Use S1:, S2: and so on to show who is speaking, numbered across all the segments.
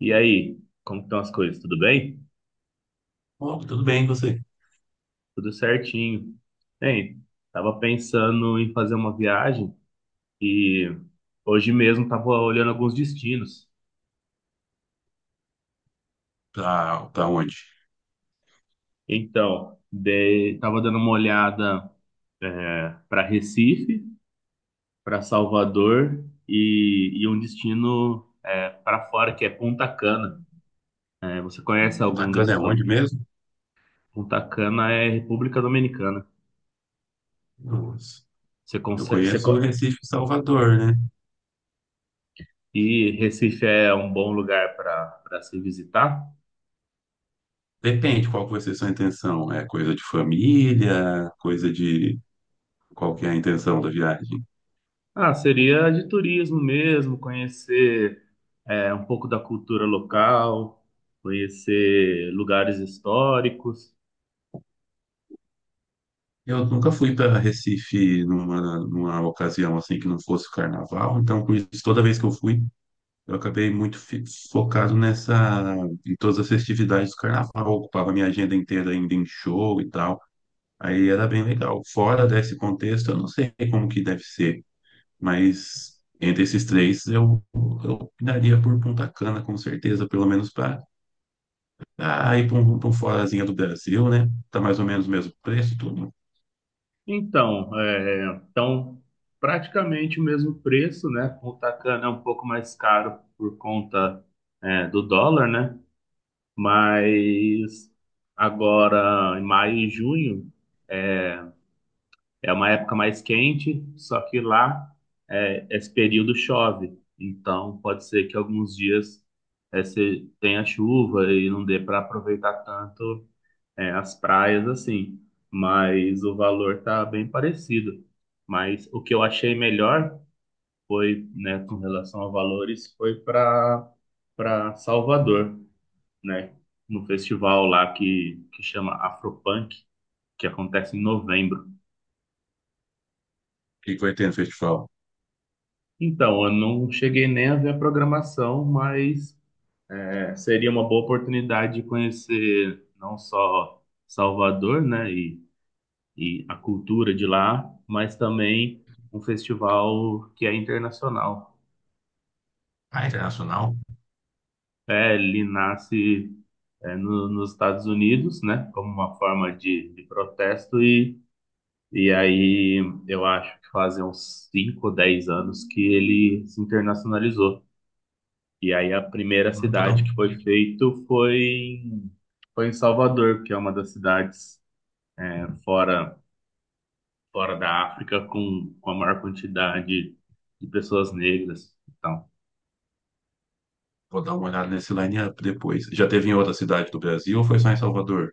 S1: E aí, como estão as coisas? Tudo bem?
S2: Bom, tudo bem, e você?
S1: Tudo certinho. Bem, tava pensando em fazer uma viagem e hoje mesmo tava olhando alguns destinos.
S2: Tá, onde?
S1: Tava dando uma olhada, para Recife, para Salvador e um destino, para fora, que é Punta Cana. Você conhece algum desses
S2: Cotacana é onde
S1: lugares?
S2: mesmo?
S1: Punta Cana é República Dominicana.
S2: Nossa.
S1: Você
S2: Eu conheço o
S1: consegue?
S2: Recife e Salvador, né?
S1: E Recife é um bom lugar para se visitar?
S2: Depende qual que vai ser sua intenção. É coisa de família, coisa de... Qual que é a intenção da viagem?
S1: Ah, seria de turismo mesmo, conhecer, um pouco da cultura local, conhecer lugares históricos.
S2: Eu nunca fui para Recife numa ocasião assim que não fosse o carnaval, então por isso, toda vez que eu fui, eu acabei muito fi- focado nessa, em todas as festividades do carnaval, ocupava minha agenda inteira ainda em show e tal. Aí era bem legal. Fora desse contexto, eu não sei como que deve ser, mas entre esses três eu opinaria por Punta Cana, com certeza, pelo menos para pra um forazinho do Brasil, né? Tá mais ou menos o mesmo preço, tudo. O
S1: Então, é, então, praticamente o mesmo preço, né? O Tacana é um pouco mais caro por conta, do dólar, né? Mas agora, em maio e junho, é, é uma época mais quente, só que lá, esse período chove. Então, pode ser que alguns dias, se tenha chuva e não dê para aproveitar tanto, as praias assim. Mas o valor tá bem parecido. Mas o que eu achei melhor foi, né, com relação a valores, foi para Salvador, né? No festival lá que chama Afropunk, que acontece em novembro.
S2: que que vai ter no festival?
S1: Então, eu não cheguei nem a ver a programação, mas, seria uma boa oportunidade de conhecer não só Salvador, né, e a cultura de lá, mas também um festival que é internacional.
S2: Ah, internacional?
S1: É, ele nasce, nos Estados Unidos, né, como uma forma de protesto, e aí eu acho que fazem uns 5, ou 10 anos que ele se internacionalizou. E aí a primeira
S2: Ah, Vou dar,
S1: cidade
S2: um-
S1: que foi feito foi em Salvador, que é uma das cidades, fora da África com a maior quantidade de pessoas negras. Então,
S2: Vou dar uma olhada nesse line-up depois. Já teve em outra cidade do Brasil ou foi só em Salvador?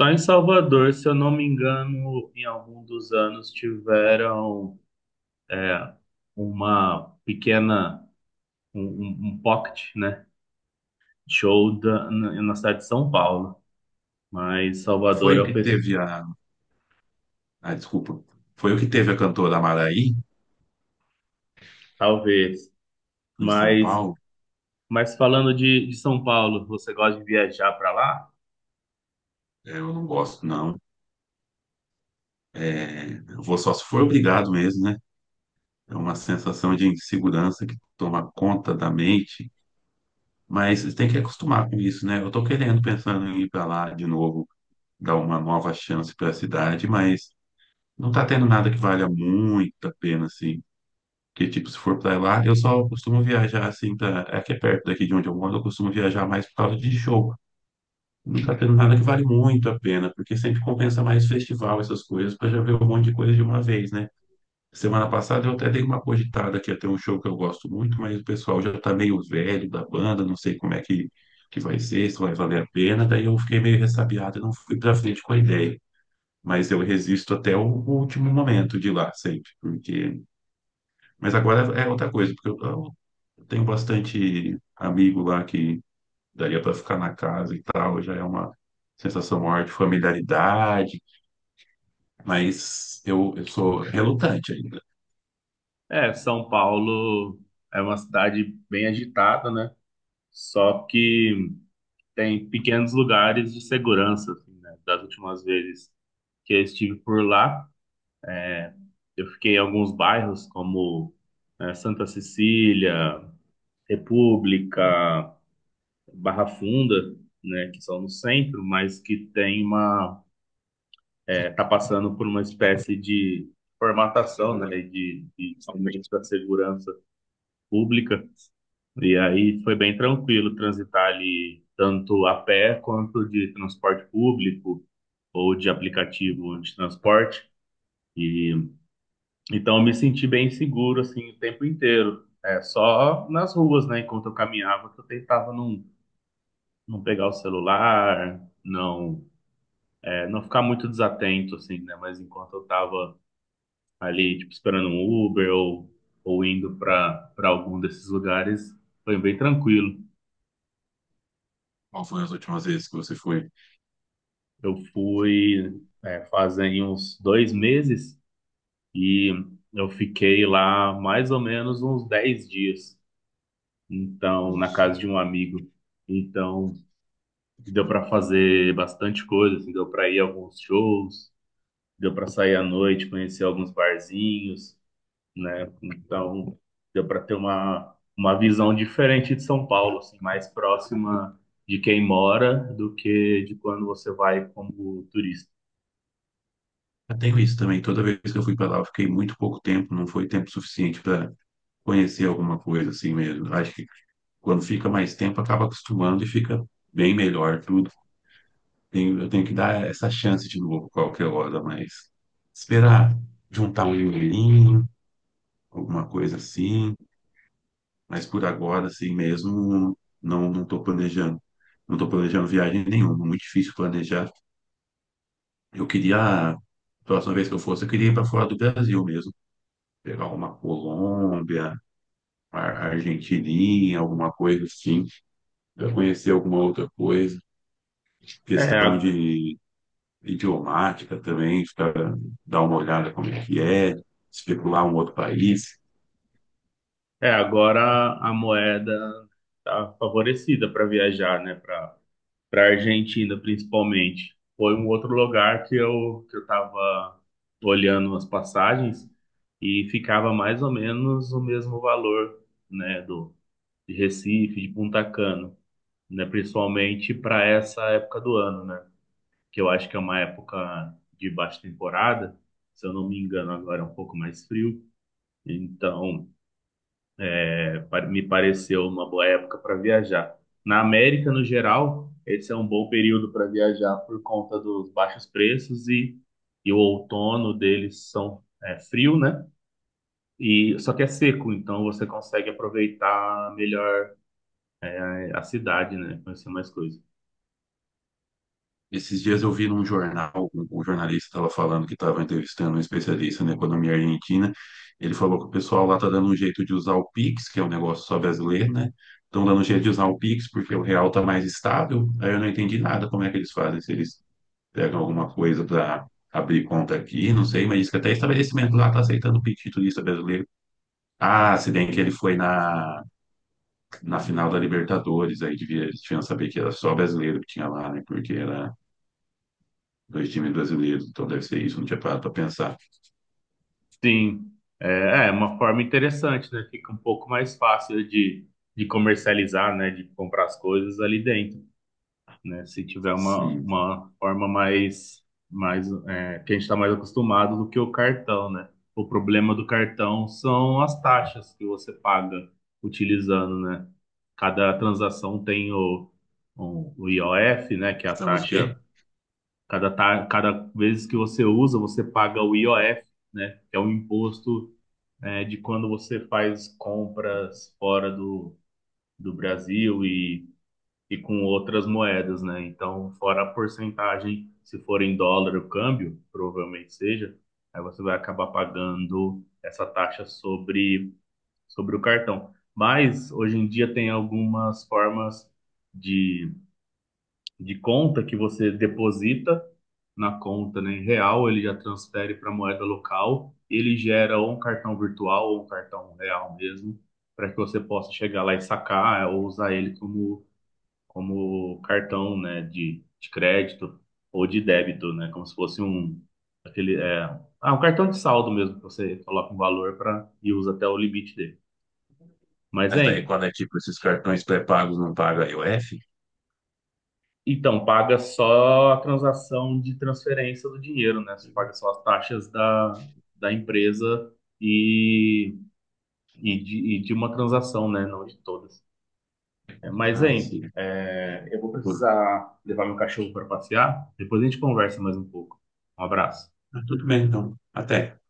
S1: só em Salvador, se eu não me engano, em algum dos anos tiveram, é, uma pequena, um pocket, né, show da, na, na cidade de São Paulo, mas
S2: Foi
S1: Salvador é
S2: o que teve a. Ah, desculpa. Foi o que teve a cantora Maraí
S1: talvez,
S2: em São
S1: mas
S2: Paulo.
S1: Mas falando de São Paulo, você gosta de viajar para lá?
S2: É, eu não gosto, não. É, eu vou só se for obrigado mesmo, né? É uma sensação de insegurança que toma conta da mente, mas tem que acostumar com isso, né? Pensando em ir para lá de novo, dar uma nova chance para a cidade, mas não tá tendo nada que valha muito a pena, assim. Porque, tipo, se for para lá, eu só costumo viajar, assim, pra... é que é perto daqui de onde eu moro, eu costumo viajar mais por causa de show. Não tá tendo nada que vale muito a pena, porque sempre compensa mais festival, essas coisas, para já ver um monte de coisa de uma vez, né? Semana passada eu até dei uma cogitada que ia ter um show que eu gosto muito, mas o pessoal já tá meio velho da banda, não sei que vai ser, se vai valer a pena. Daí eu fiquei meio ressabiado e não fui pra frente com a ideia. Mas eu resisto até o último momento de ir lá, sempre. Porque... Mas agora é outra coisa, eu tenho bastante amigo lá que daria para ficar na casa e tal, já é uma sensação maior de familiaridade, mas eu sou relutante ainda.
S1: É, São Paulo é uma cidade bem agitada, né? Só que tem pequenos lugares de segurança, assim, né? Das últimas vezes que eu estive por lá, eu fiquei em alguns bairros como, Santa Cecília, República, Barra Funda, né? Que são no centro, mas que tem uma, está passando por uma espécie de formatação, né, de aumentos da segurança pública, e aí foi bem tranquilo transitar ali tanto a pé quanto de transporte público ou de aplicativo de transporte, e então eu me senti bem seguro, assim, o tempo inteiro, é, só nas ruas, né, enquanto eu caminhava, que eu tentava não, não pegar o celular, não, é, não ficar muito desatento, assim, né, mas enquanto eu estava ali, tipo, esperando um Uber ou indo para algum desses lugares, foi bem tranquilo.
S2: Qual foi as últimas vezes que você foi?
S1: Eu fui, é, fazem uns 2 meses e eu fiquei lá mais ou menos uns 10 dias, então, na casa de um amigo. Então, deu para fazer bastante coisa, assim, deu para ir a alguns shows, deu para sair à noite, conhecer alguns barzinhos, né? Então, deu para ter uma visão diferente de São Paulo, assim, mais próxima de quem mora do que de quando você vai como turista.
S2: Eu tenho isso também. Toda vez que eu fui para lá, eu fiquei muito pouco tempo, não foi tempo suficiente para conhecer alguma coisa assim mesmo. Acho que quando fica mais tempo, acaba acostumando e fica bem melhor tudo. Eu tenho que dar essa chance de novo qualquer hora, mas esperar juntar um dinheirinho, alguma coisa assim. Mas por agora, assim mesmo, não estou planejando. Não estou planejando viagem nenhuma, muito difícil planejar. Eu queria, a próxima vez que eu fosse, eu queria ir para fora do Brasil mesmo, pegar uma Colômbia, a Argentininha, alguma coisa assim, para conhecer alguma outra coisa.
S1: É,
S2: Questão
S1: a-
S2: de idiomática também, para dar uma olhada como é que é, especular um outro país.
S1: é agora a moeda está favorecida para viajar, né? Para Argentina, principalmente. Foi um outro lugar que eu estava olhando as passagens e ficava mais ou menos o mesmo valor, né? Do de Recife, de Punta Cana. Né? Principalmente para essa época do ano, né? Que eu acho que é uma época de baixa temporada, se eu não me engano, agora é um pouco mais frio. Então, me pareceu uma boa época para viajar. Na América, no geral, esse é um bom período para viajar por conta dos baixos preços e o outono deles são, frio, né? E só que é seco, então você consegue aproveitar melhor, a cidade, né? Conhecer mais coisas.
S2: Esses dias eu vi num jornal, um jornalista estava falando que estava entrevistando um especialista na economia argentina. Ele falou que o pessoal lá está dando um jeito de usar o Pix, que é um negócio só brasileiro, né? Estão dando um jeito de usar o Pix porque o real está mais estável. Aí eu não entendi nada como é que eles fazem, se eles pega alguma coisa para abrir conta aqui, não sei, mas diz que até estabelecimento lá tá aceitando o pedido de turista brasileiro. Ah, se bem que ele foi na final da Libertadores, aí devia, eles tinham que saber que era só brasileiro que tinha lá, né? Porque era dois times brasileiros, então deve ser isso, não tinha parado para pensar.
S1: Sim, é uma forma interessante, né? Fica um pouco mais fácil de comercializar, né? De comprar as coisas ali dentro, né? Se tiver
S2: Sim,
S1: uma forma mais, mais, que a gente está mais acostumado do que o cartão, né? O problema do cartão são as taxas que você paga utilizando, né? Cada transação tem o IOF, né? Que é a
S2: estamos o
S1: taxa,
S2: quê?
S1: cada vez que você usa, você paga o IOF, né? Que é um imposto, de quando você faz compras fora do, do Brasil e com outras moedas, né? Então, fora a porcentagem, se for em dólar o câmbio, provavelmente seja, aí você vai acabar pagando essa taxa sobre, sobre o cartão. Mas hoje em dia tem algumas formas de de conta que você deposita na conta, né, em real, ele já transfere para moeda local, ele gera ou um cartão virtual ou um cartão real mesmo, para que você possa chegar lá e sacar, é, ou usar ele como, como cartão, né, de crédito ou de débito, né, como se fosse um aquele um cartão de saldo mesmo, que você coloca um valor para e usa até o limite dele. Mas,
S2: Mas daí
S1: hein,
S2: quando é tipo esses cartões pré-pagos não pagam a IOF?
S1: então, paga só a transação de transferência do dinheiro, né? Você paga só as taxas da, da empresa e, e de uma transação, né? Não de todas. É, mas,
S2: Ah,
S1: hein,
S2: sim.
S1: é, eu vou precisar levar meu cachorro para passear. Depois a gente conversa mais um pouco. Um abraço.
S2: Ah, tudo bem, então. Até.